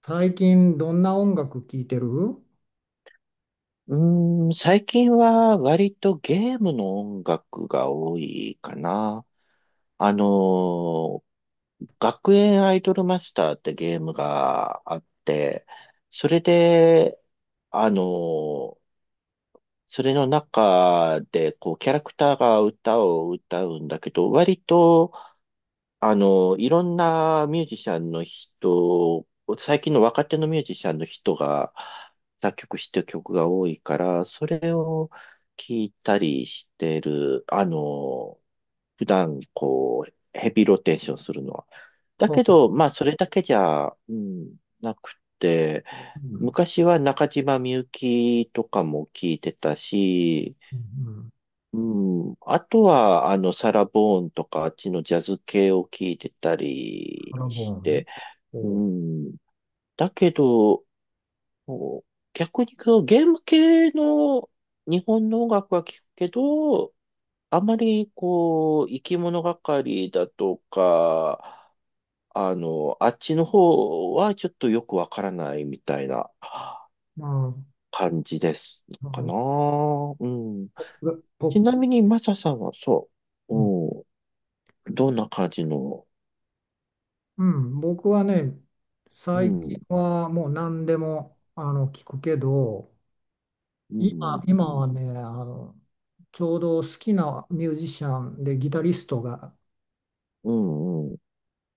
最近どんな音楽聴いてる？うーん、最近は割とゲームの音楽が多いかな。あのー、学園アイドルマスターってゲームがあって、それで、あのー、それの中で、こう、キャラクターが歌を歌うんだけど、割と、いろんなミュージシャンの人、最近の若手のミュージシャンの人が作曲してる曲が多いから、それを聞いたりしてる、普段こう、ヘビーローテーションするのは。だほけど、まあ、それだけじゃ、うん、なくて、う。昔は中島みゆきとかも聞いてたし、うん、うん。うん。あとは、サラ・ボーンとか、あっちのジャズ系を聞いてたカりラしボーンね。て、うおう。ん。だけど、こう逆にこう、ゲーム系の日本の音楽は聞くけど、あまりこう、生き物がかりだとか、あっちの方はちょっとよくわからないみたいなまあ、感じですまあかの、な。うん。ポッちプ、なみに、マサさんはそうん、う。どんな感じの、うん、僕はね、う最近ん、はもう何でも聞くけど、う今、ん、う今ん、はね、あの、ちょうど好きなミュージシャンでギタリストが、うん、うん、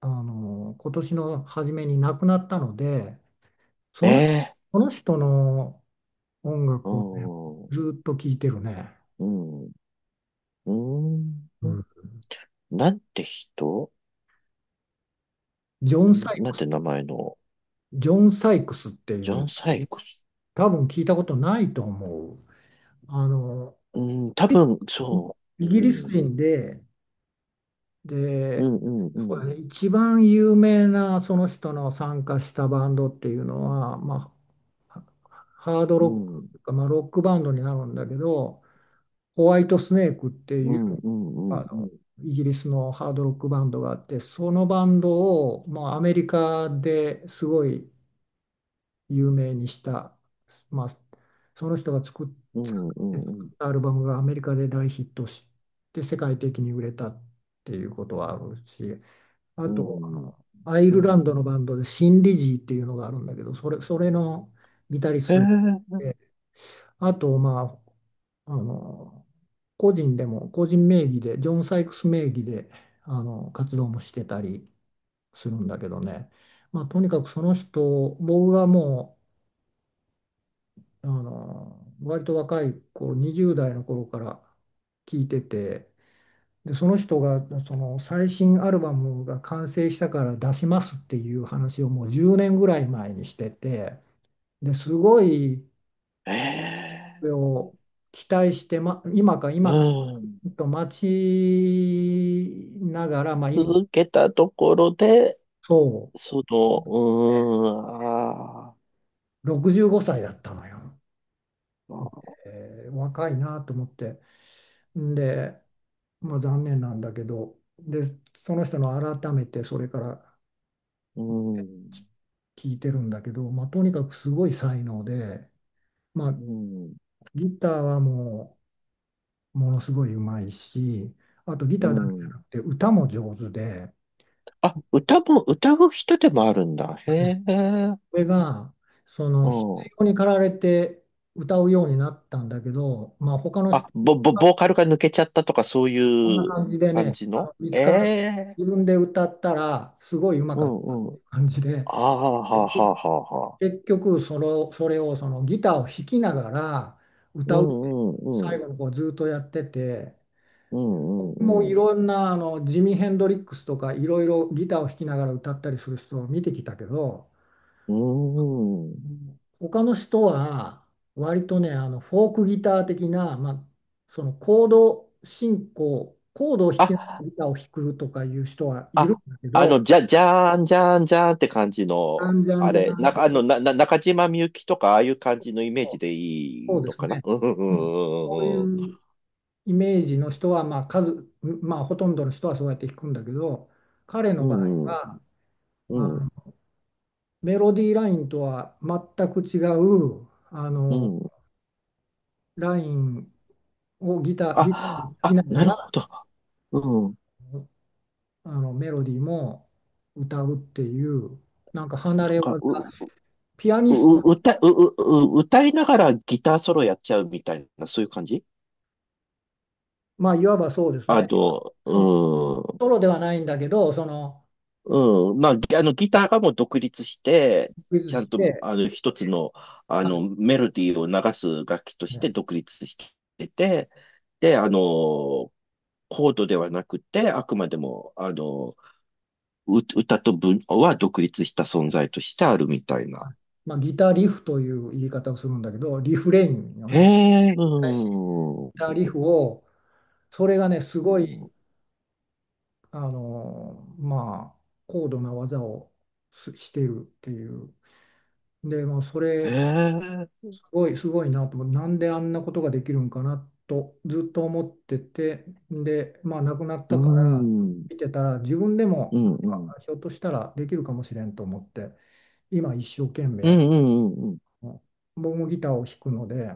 あの、今年の初めに亡くなったので、その、ええ、その人の音う楽をね、ん、うずっと聴いてるね。ん、ううん、ん。なんて人。ジョうン・サん、なんて名前の、ジョン・サイクスっていジうんョだン・サけど、イクス。多分聞いたことないと思う。あの、うん、多分、そう、イギリうスん、人で、うん、で、うん、うそうん、だね、一番有名なその人の参加したバンドっていうのは、まあ、ハードうロッん、クとか、まあ、ロックバンドになるんだけど、ホワイトスネークっていううん、うん、うあん、うのん、イギリスのハードロックバンドがあって、そのバンドを、まあ、アメリカですごい有名にした、まあ、その人がう作ん、う作っん、たアルバムがアメリカで大ヒットして世界的に売れたっていうことはあるし、あうとあん、のアイうルランドのん、バンドでシン・リジーっていうのがあるんだけど、それのギタリストえで、あとまあ、あの、個人でも個人名義でジョン・サイクス名義であの活動もしてたりするんだけどね。まあ、とにかくその人、僕があの割と若い頃、20代の頃から聞いてて、でその人が、その最新アルバムが完成したから出しますっていう話をもう10年ぐらい前にしてて、ですごいえそええ、れを期待して、ま、今か今かうん、と待ちながら、まあ、今続けたところで、そうーん、あう65歳だったのよ。ー、えー、若いなと思って。んで、まあ、残念なんだけど、で、その人の改めてそれからうん、聞いてるんだけど、まあ、とにかくすごい才能で、まうあ、ん、ギターはもうものすごい上手いし、あとギうターだけじゃん。なくて歌も上手で、あ、歌も、歌う人でもあるんだ。へえ。それがその必う要ん。に駆られて歌うようになったんだけど、まあ、他のあ、人ぼ、ぼ、はボーカルが抜けちゃったとかそうこんないう感じで感ね、じあの、の見えつからえ。自分で歌ったらすごいうまうかったん、うん。感じで。ああ、はあ、はあ、はあ、はあ。結局それをそのギターを弾きながらう歌うん、うん、う最ん。後のこうずっとやってて、うん、僕もいうん、ろんなあのジミ・ヘンドリックスとかいろいろギターを弾きながら歌ったりする人を見てきたけど、うん。ううん。ん、他の人は割とね、あのフォークギター的な、まあ、そのコードを弾きながらあ、ギターを弾くとかいう人はいるあ、んだけど、じゃーん、じゃーん、じゃーんって感じじゃの、んじゃんあじゃれ、んな、あと、の、な、な、中島みゆきとか、ああいう感じのイメージでいそういでのすかな。ね、うん、うん、うん、うん、こういうん、うん、うイメージの人は、まあ数、まあ、ほとんどの人はそうやって弾くんだけど、彼のう場合ん、は、あうん、の、メロディーラインとは全く違う、あうの、ん。ラインをギターであ、弾きあ、なながるら、ほど。うん。あの、メロディーも歌うっていう、なんか離なんれか、技、う、う、ピアニスト、う歌う、う、う歌いながらギターソロやっちゃうみたいな、そういう感じ。まあ、いわばそうですね。その、うソロではないんだけど、その、ん、うん。まあ、ぎあの、ギターがもう独立して、クイズちゃんしと、て、一つの、まあメロディーを流す楽器として独立してて、で、コードではなくて、あくまでも、歌と文は独立した存在としてあるみたいな。まあ、ギターリフという言い方をするんだけど、リフレインよへね。え、うーん。たリフを、それがねすうごい、ん、あの、まあ高度な技をすしているっていう。でまあそへれえ。すごい、すごいなと思う、なんであんなことができるんかなとずっと思ってて、でまあ亡くなっうーたからん。見てたら、自分でうもなんん、うかん。ひょっとしたらできるかもしれんと思って、今一生懸うん、命、うん、うん。うん、ボん僕もギターを弾くので、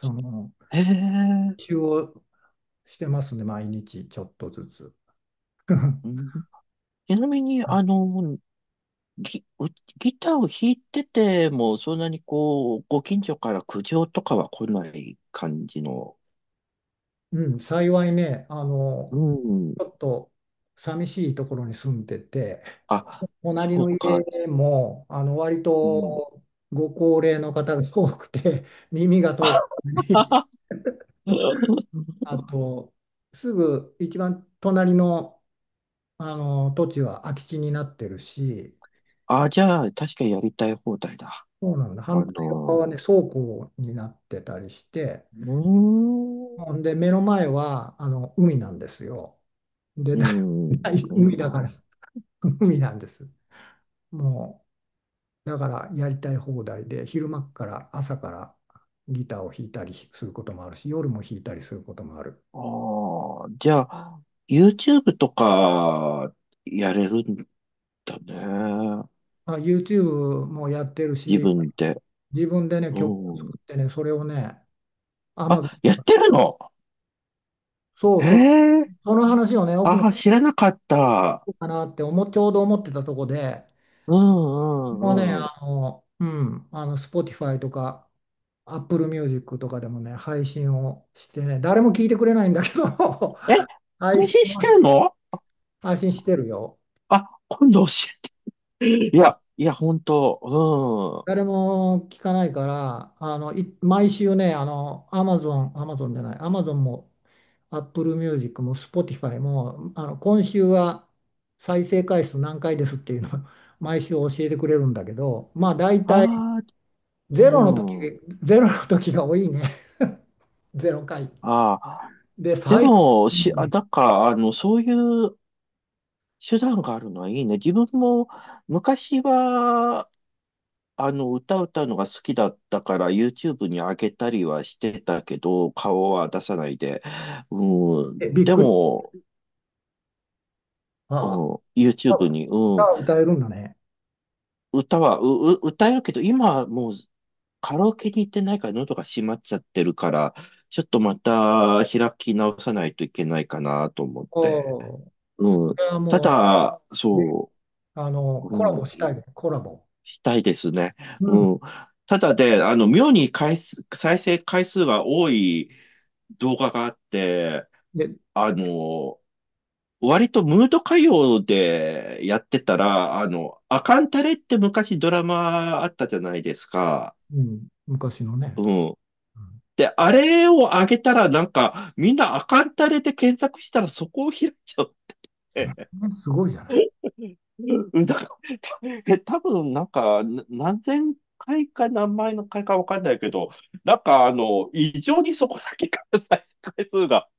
そのへえ。練習をしてますね、毎日ちょっとずつ。う ん。ちなみに、ギ、うギターを弾いてても、そんなにこう、ご近所から苦情とかは来ない感じの。うん、幸いね、あうの、ん。ちょっと寂しいところに住んでて、あ、隣そのう家か。も、あの、割うん。とご高齢の方が多くて、耳が遠くて、あと、すぐ一番隣の、あの土地は空き地になってるし、あ、じゃあ、確かにやりたい放題だ。そうなんだ、反あ対側の、はね、倉庫になってたりして、うーほん。んで、目の前は、あの、海なんですよ。で、うだ ん。いい海だから、な。海なんです。もうだからやりたい放題で、昼間から朝からギターを弾いたりすることもあるし、夜も弾いたりすることもある。ああ、じゃあ、YouTube とか、やれるんだね。まあ、YouTube もやってる自し、分で。自分でね、曲をう作ん。ってね、それをね、Amazon、あ、やってるの？そうえそう、えー、その話をね、奥のああ、知らなかった。人かなって思、ちょうど思ってたとこで、うん、うもうね、ん、うん。あの、うん、あの、Spotify とか、Apple Music とかでもね、配信をしてね、誰も聞いてくれないんだけど、え、配配信信しては、るの？配信してるよ。あ、今度教えて。いや、いや、本当、うん。誰も聞かないから、あの、毎週ね、あの、アマゾンも、アップルミュージックも、スポティファイも、あの、今週は再生回数何回ですっていうのを 毎週教えてくれるんだけど、まあ、大体、ああ、ゼロの時、うん。ゼロの時が多いね。ゼロ回。ああ、で、で最も、だから、そういう手段があるのはいいね。自分も昔は、歌歌うのが好きだったから YouTube に上げたりはしてたけど、顔は出さないで。うん、低、びっでくり。も、うあん、あ、YouTube に、うん、歌を歌えるんだね。歌は、歌えるけど、今はもうカラオケに行ってないから喉が閉まっちゃってるから、ちょっとまた開き直さないといけないかなと思っおて。お、うそん、れはたもだ、う、ね、そあの、う、コラうボしん。たいね、コラボ。したいですね。うん。うん。ただで、妙に再生回数が多い動画があって、で、あの、割とムード歌謡でやってたら、アカンタレって昔ドラマあったじゃないですか。うん、昔のね。うん。うで、あれを上げたらなんか、みんなアカンタレで検索したらそこを開いちゃう。ん、すごいじゃない。うん。多分なんか、何千回か何万の回かわかんないけど、なんか異常にそこだけが再生回数が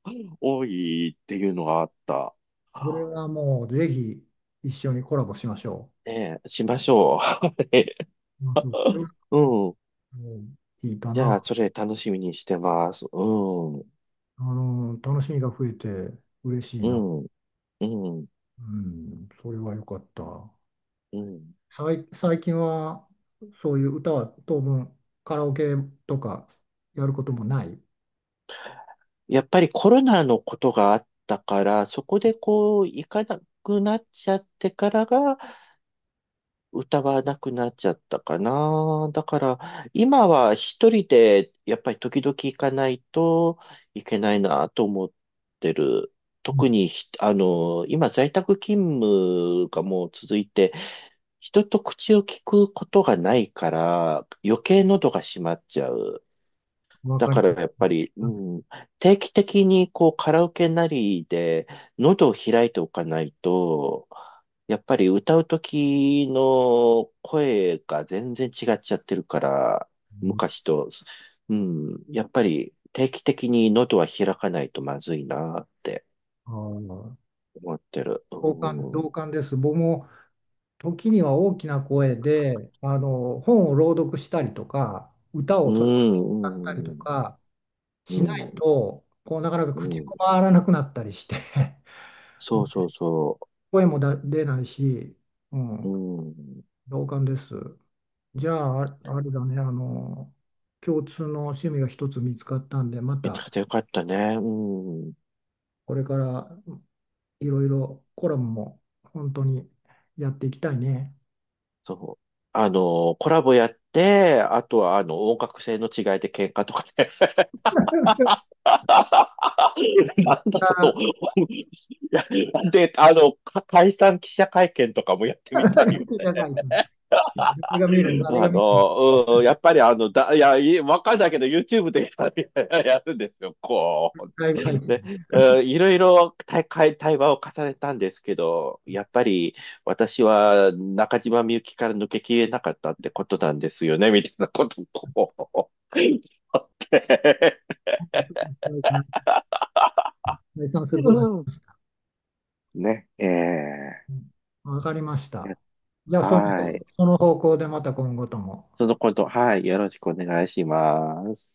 多いっていうのがあった。これはもうぜひ一緒にコラボしましょねえ、しましょう。ね。う。あそう、うん。うん、聞いたじゃあ、な。それ楽しみにしてます。うん。うあの、楽しみが増えて嬉しいな。ん。うん。うん、それは良かった。うん。最近はそういう歌は当分カラオケとかやることもない。やっぱりコロナのことがあったから、そこでこう、行かなくなっちゃってからが、歌がなくなっちゃったかな。だから、今は一人で、やっぱり時々行かないといけないなと思ってる。うん、特にひ、あの、今在宅勤務がもう続いて、人と口を聞くことがないから、余計喉が閉まっちゃう。わだかりからやっぱり、うます。ん、定期的にこうカラオケなりで喉を開いておかないと、やっぱり歌う時の声が全然違っちゃってるから、昔と、うん、やっぱり定期的に喉は開かないとまずいなってあー、思ってる。同感、うん、同感です。僕も時には大きな声であの本を朗読したりとか歌うをそれこそ歌ったりん、とうん、かうしなん、いと、こうなかなかう口ん、も回らなくなったりして、 そうそう そ声も出ないし、うう。ん、うん、同感です。じゃあ、ああれだね、あの共通の趣味が一つ見つかったんで、ま見つたけてよかったね。うん。これからいろいろコラムも本当にやっていきたいね。そう。コラボやって、あとは、音楽性の違いで喧嘩とかね。なんだ、あ、で、解散記者会見とかもやってみたいよ じゃあね。誰が見るん、うん、やっぱり、いや、わかんないけど、YouTube でやる、んですよ、こう。ライブ配信。で、うん、いろいろ対話を重ねたんですけど、やっぱり私は中島みゆきから抜けきれなかったってことなんですよね、みたいなことを 言って、解散すうることにしん、ました。ね、うん、わかりました。ーじゃあ、その、はい。その方向でまた今後とも。そのこと、はい、よろしくお願いします。